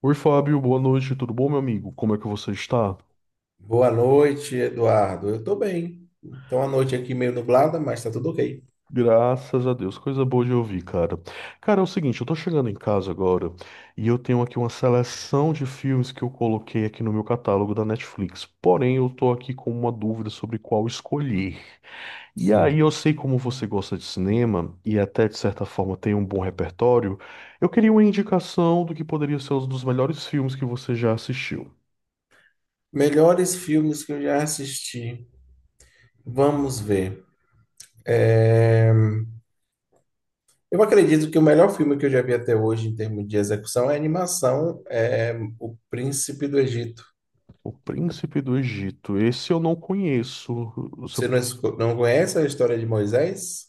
Oi, Fábio, boa noite, tudo bom, meu amigo? Como é que você está? Boa noite, Eduardo. Eu tô bem. Então, a noite aqui meio nublada, mas tá tudo ok. Graças a Deus, coisa boa de ouvir, cara. Cara, é o seguinte, eu tô chegando em casa agora e eu tenho aqui uma seleção de filmes que eu coloquei aqui no meu catálogo da Netflix. Porém, eu tô aqui com uma dúvida sobre qual escolher. E aí, eu Sim. sei como você gosta de cinema e até de certa forma tem um bom repertório. Eu queria uma indicação do que poderia ser um dos melhores filmes que você já assistiu. Melhores filmes que eu já assisti. Vamos ver. Eu acredito que o melhor filme que eu já vi até hoje em termos de execução é a animação, é O Príncipe do Egito. O Príncipe do Egito. Esse eu não conheço. Você Você não conhece a história de Moisés?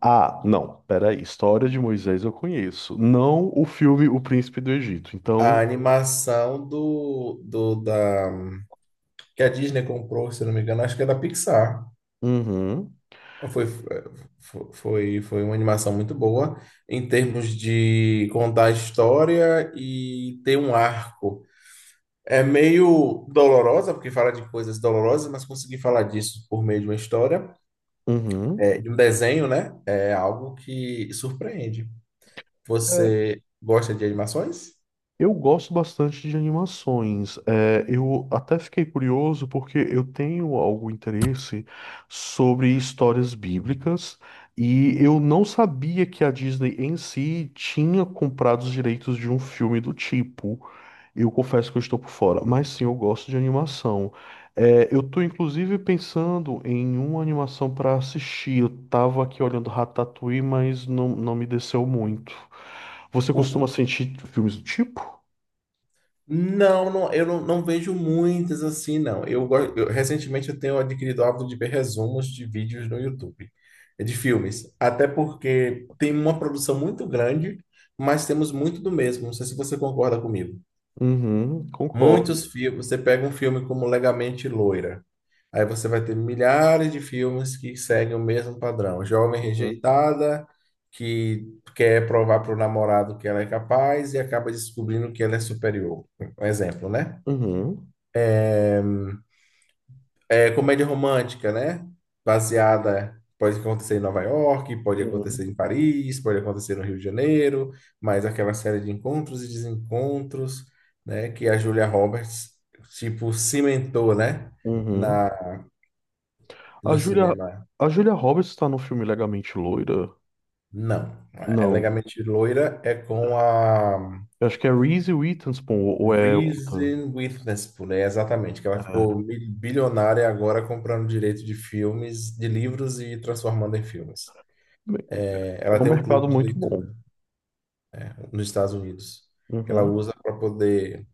Ah, não, peraí. História de Moisés eu conheço. Não o filme O Príncipe do Egito. A Então. animação do, do da que a Disney comprou, se não me engano, acho que é da Pixar. Uhum. Foi, foi uma animação muito boa em termos de contar a história e ter um arco. É meio dolorosa, porque fala de coisas dolorosas, mas conseguir falar disso por meio de uma história, Uhum. De um desenho, né? É algo que surpreende. É, Você gosta de animações? eu gosto bastante de animações. É, eu até fiquei curioso porque eu tenho algum interesse sobre histórias bíblicas e eu não sabia que a Disney em si tinha comprado os direitos de um filme do tipo. Eu confesso que eu estou por fora, mas sim, eu gosto de animação. É, eu estou inclusive pensando em uma animação para assistir. Eu estava aqui olhando Ratatouille, mas não, não me desceu muito. Você costuma O, assistir filmes do tipo? Não, não, eu não, não vejo muitas assim, não. Recentemente eu tenho adquirido o hábito de ver resumos de vídeos no YouTube, de filmes. Até porque tem uma produção muito grande, mas temos muito do mesmo. Não sei se você concorda comigo. Uhum, concordo. Muitos filmes, você pega um filme como Legamente Loira, aí você vai ter milhares de filmes que seguem o mesmo padrão. Jovem Uhum. rejeitada, que quer provar para o namorado que ela é capaz e acaba descobrindo que ela é superior. Um exemplo, né? Uhum. É comédia romântica, né? Baseada, pode acontecer em Nova York, pode Uhum. acontecer em Paris, pode acontecer no Rio de Janeiro, mas aquela série de encontros e desencontros, né? Que a Julia Roberts, tipo, cimentou, né? Uhum. Na, A no Julia, cinema. a Julia Roberts está no filme Legamente Loira? Não. É Não. Legalmente Loira é com a Eu acho que é Reese Witherspoon ou é outra. Reason Witherspoon, é exatamente, que ela ficou É, bilionária agora comprando direito de filmes, de livros e transformando em filmes. Ela é um tem um clube mercado de muito bom. leitura nos Estados Unidos que ela Uhum, usa para poder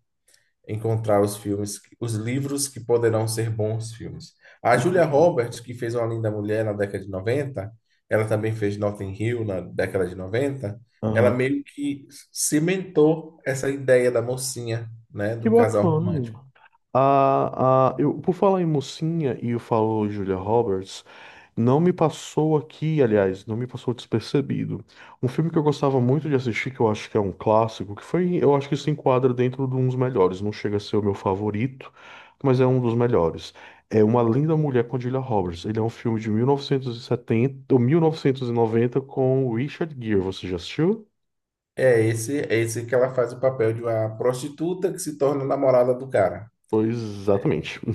encontrar os filmes, que- os livros que poderão ser bons filmes. A Julia entendi. Roberts, que fez Uma Linda Mulher na década de 90, ela também fez Notting Hill na década de 90, ela Aham. meio que cimentou essa ideia da mocinha, né, Que do casal romântico. bacana. Eu, por falar em mocinha e eu falo Julia Roberts, não me passou aqui, aliás, não me passou despercebido. Um filme que eu gostava muito de assistir, que eu acho que é um clássico, que foi, eu acho que se enquadra dentro de um dos melhores. Não chega a ser o meu favorito, mas é um dos melhores. É Uma Linda Mulher com Julia Roberts. Ele é um filme de 1970 ou 1990 com Richard Gere. Você já assistiu? É esse que ela faz o papel de uma prostituta que se torna namorada do cara. Pois, exatamente.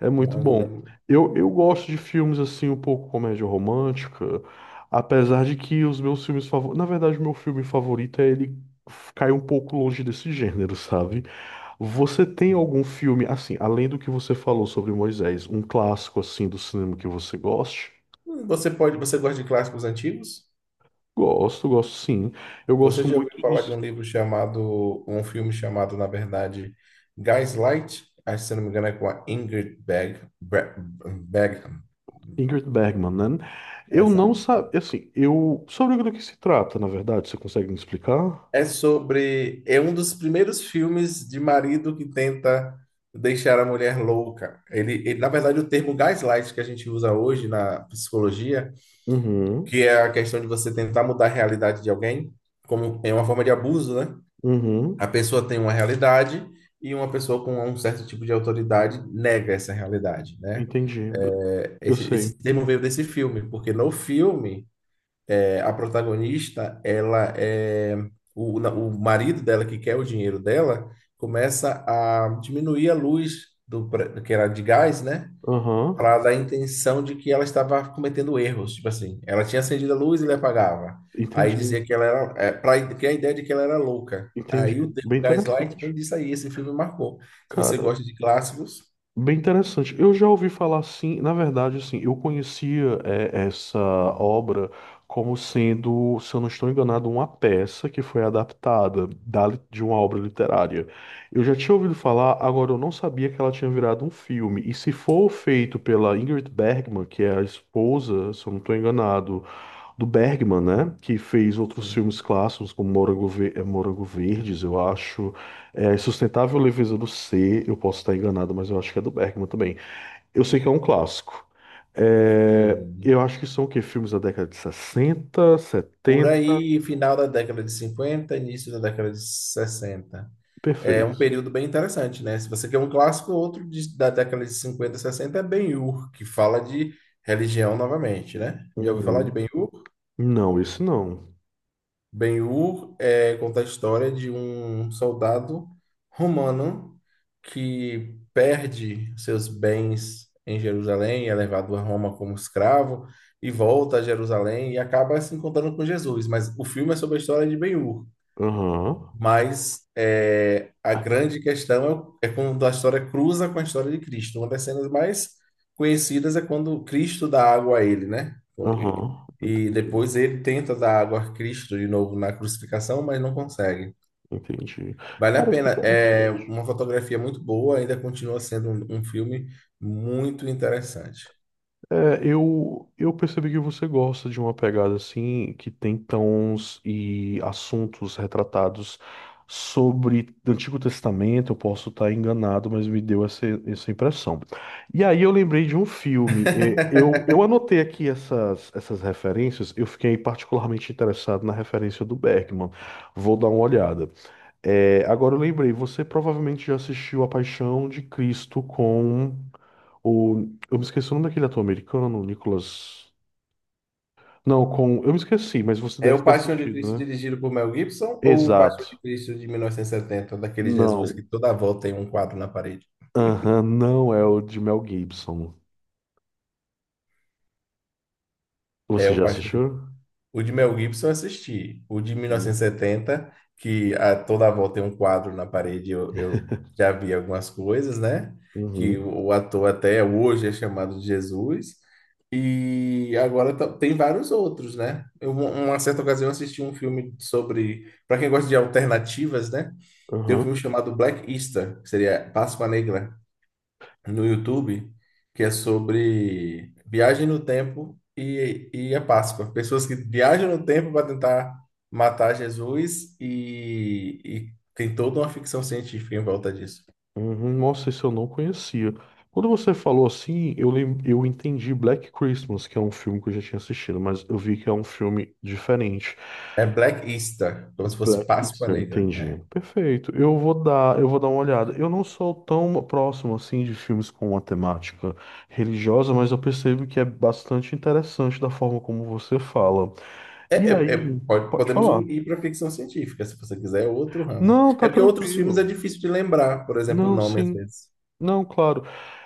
É muito Uma bom. linda. Eu gosto de filmes assim, um pouco comédia romântica, apesar de que os meus filmes favoritos. Na verdade, o meu filme favorito é ele cai um pouco longe desse gênero, sabe? Você tem algum filme, assim, além do que você falou sobre Moisés, um clássico assim do cinema que você goste? Você pode, você gosta de clássicos antigos? Gosto, gosto sim. Eu Você gosto já ouviu muito falar de dos um livro chamado, um filme chamado, na verdade, Gaslight? Acho que, se não me engano, é com a Ingrid Bergman. Ingrid Bergman, né? Eu não Exato. sabia, assim, eu. Sobre o que se trata, na verdade, você consegue me explicar? É sobre, é um dos primeiros filmes de marido que tenta deixar a mulher louca. Na verdade, o termo gaslight que a gente usa hoje na psicologia, Uhum, que é a questão de você tentar mudar a realidade de alguém, como é uma forma de abuso, né? A uhum, pessoa tem uma realidade e uma pessoa com um certo tipo de autoridade nega essa realidade, né? entendi. É, Eu Esse, esse sei. termo veio desse filme, porque no filme, a protagonista, ela é... O marido dela, que quer o dinheiro dela, começa a diminuir a luz do, que era de gás, né? Aham, Ela dá a intenção de que ela estava cometendo erros, tipo assim, ela tinha acendido a luz e ele apagava. Aí entendi, dizia que ela era, é, para criar a ideia de que ela era louca. entendi. Aí o termo Bem Gaslight vem interessante. disso aí, esse filme marcou. Se você Cara, gosta de clássicos, bem interessante. Eu já ouvi falar assim, na verdade, assim, eu conhecia essa obra como sendo, se eu não estou enganado, uma peça que foi adaptada de uma obra literária. Eu já tinha ouvido falar, agora eu não sabia que ela tinha virado um filme. E se for feito pela Ingrid Bergman, que é a esposa, se eu não estou enganado. Do Bergman, né? Que fez outros filmes sim, clássicos, como Morango Verdes, eu acho. É, Sustentável Leveza do Ser, eu posso estar enganado, mas eu acho que é do Bergman também. Eu sei que é um clássico. É, eu sim. acho que são o quê? Filmes da década de sessenta Por setenta. aí, final da década de 50, início da década de 60. É um Perfeito. período bem interessante, né? Se você quer um clássico, outro da década de 50 e 60 é Ben-Hur, que fala de religião novamente, né? Já ouviu falar de Uhum. Ben-Hur? Não, esse não. Ben-Hur conta a história de um soldado romano que perde seus bens em Jerusalém, é levado a Roma como escravo e volta a Jerusalém e acaba se encontrando com Jesus. Mas o filme é sobre a história de Ben Hur. Aham. Mas a grande questão é quando a história cruza com a história de Cristo. Uma das cenas mais conhecidas é quando Cristo dá água a ele, né? E, Aham. e Entendi. depois ele tenta dar água a Cristo de novo na crucificação, mas não consegue. Entendi. Vale a Cara, que pena. É interessante. uma fotografia muito boa, ainda continua sendo um filme muito interessante. Eu percebi que você gosta de uma pegada assim, que tem tons e assuntos retratados sobre o Antigo Testamento. Eu posso estar enganado, mas me deu essa impressão. E aí eu lembrei de um filme. Eu anotei aqui essas referências. Eu fiquei particularmente interessado na referência do Bergman. Vou dar uma olhada. É, agora eu lembrei, você provavelmente já assistiu A Paixão de Cristo com. O, eu me esqueci o nome daquele ator americano, Nicholas. Não, com. Eu me esqueci, mas você É deve o ter Paixão de assistido, Cristo né? dirigido por Mel Gibson ou o Paixão de Exato. Cristo de 1970, daquele Jesus que Não. toda volta tem um quadro na parede? Aham, não é o de Mel Gibson. É, Você o já Paixão. assistiu? O de Mel Gibson eu assisti. O de Sim. 1970, que a toda a volta tem um quadro na parede, eu já vi algumas coisas, né? Que Uhum, o ator até hoje é chamado de Jesus. E agora tem vários outros, né? Uma certa ocasião, eu assisti um filme sobre. Para quem gosta de alternativas, né? Tem um filme uhum, chamado Black Easter, que seria Páscoa Negra no YouTube, que é sobre viagem no tempo e a Páscoa. Pessoas que viajam no tempo para tentar matar Jesus e tem toda uma ficção científica em volta disso. uhum. Nossa, isso eu não conhecia. Quando você falou assim, eu entendi Black Christmas, que é um filme que eu já tinha assistido, mas eu vi que é um filme diferente. É Black Easter, como se fosse Black Páscoa Easter, Negra. entendi. É. Perfeito. Eu vou dar uma olhada. Eu não sou tão próximo assim de filmes com uma temática religiosa, mas eu percebo que é bastante interessante da forma como você fala. E aí, pode Podemos falar. ir para ficção científica, se você quiser, é outro ramo. Não, tá É porque outros filmes é tranquilo. difícil de lembrar, por exemplo, o Não, nome às sim. vezes. Não, claro.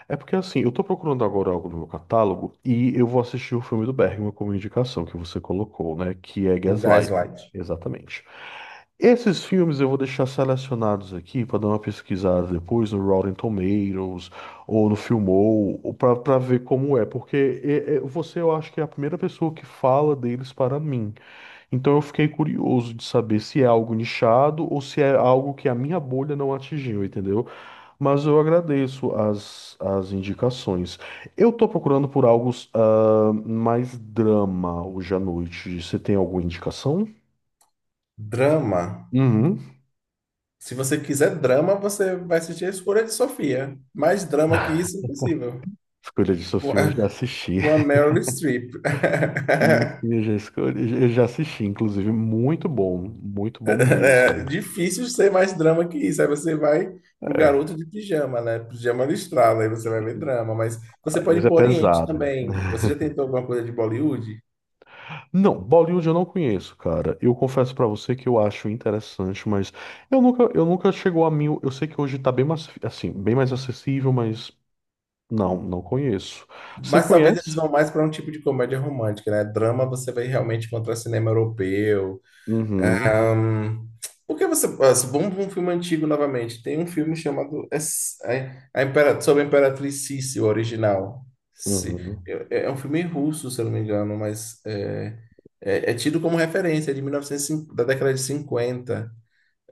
É porque assim, eu tô procurando agora algo no meu catálogo e eu vou assistir o filme do Bergman como indicação que você colocou, né? Que é O Gaslight. Gaslight. Exatamente. Esses filmes eu vou deixar selecionados aqui para dar uma pesquisada depois no Rotten Tomatoes ou no Filmou, para ver como é, porque você eu acho que é a primeira pessoa que fala deles para mim. Então eu fiquei curioso de saber se é algo nichado ou se é algo que a minha bolha não atingiu, entendeu? Mas eu agradeço as indicações. Eu tô procurando por algo mais drama hoje à noite. Você tem alguma indicação? Drama. Uhum. Se você quiser drama, você vai assistir A Escolha de Sofia. Mais drama que isso, impossível. Escolha de Com a, Sofia eu já assisti. com a Meryl Streep. Sim, sim, eu já escolhi, eu já assisti, inclusive, muito bom É mesmo. difícil ser mais drama que isso. Aí você vai pro É. garoto de pijama, né? Pijama listrado, aí você vai ver drama. Mas você Ai, pode mas ir é pro Oriente pesado. também. Você já tentou alguma coisa de Bollywood? Não, Bollywood eu não conheço, cara. Eu confesso pra você que eu acho interessante, mas eu nunca chegou a mim. Eu sei que hoje tá bem mais, assim, bem mais acessível, mas não, não conheço. Você Mas talvez eles conhece? vão mais para um tipo de comédia romântica, né? Drama você vai realmente encontrar cinema europeu. Uhum. Ahn, por você. Vamos para um filme antigo novamente. Tem um filme chamado sobre a Imperatriz Sissi, o original. Se- Uhum. é um filme russo, se eu não me engano, mas é tido como referência, é de 1950, da década de 50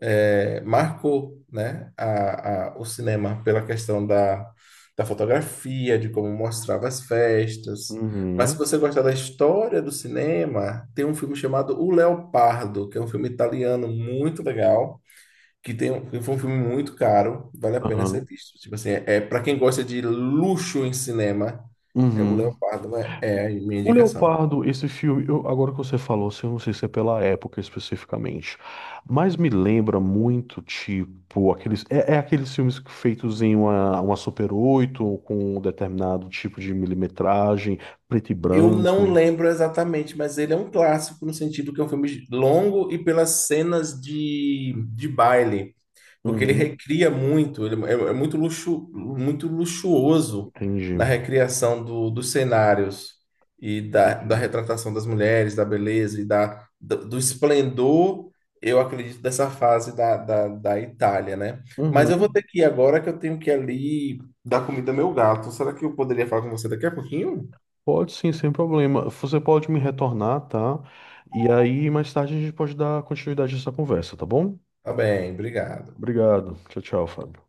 marcou, né, o cinema pela questão da fotografia, de como mostrava as festas. Mas se Uhum. você gostar da história do cinema, tem um filme chamado O Leopardo, que é um filme italiano muito legal, que tem um, que foi um filme muito caro, vale a pena Aham. ser visto. Tipo assim, é, para quem gosta de luxo em cinema, é O Uhum. Leopardo, é, é a minha O indicação. Leopardo, esse filme, agora que você falou, assim, eu não sei se é pela época especificamente, mas me lembra muito, tipo, aqueles, é, é aqueles filmes feitos em uma Super 8 ou com um determinado tipo de milimetragem, preto e Eu não branco. lembro exatamente, mas ele é um clássico no sentido que é um filme longo e pelas cenas de baile, porque ele Uhum, recria muito, ele é muito muito luxuoso entendi, na recriação dos cenários e da entendi. retratação das mulheres, da beleza e do esplendor, eu acredito, dessa fase da Itália, né? Mas eu vou Uhum, ter que ir agora que eu tenho que ir ali dar comida ao meu gato. Será que eu poderia falar com você daqui a pouquinho? pode sim, sem problema. Você pode me retornar, tá? E aí, mais tarde, a gente pode dar continuidade a essa conversa, tá bom? Tá bem, obrigado. Obrigado. Tchau, tchau, Fábio.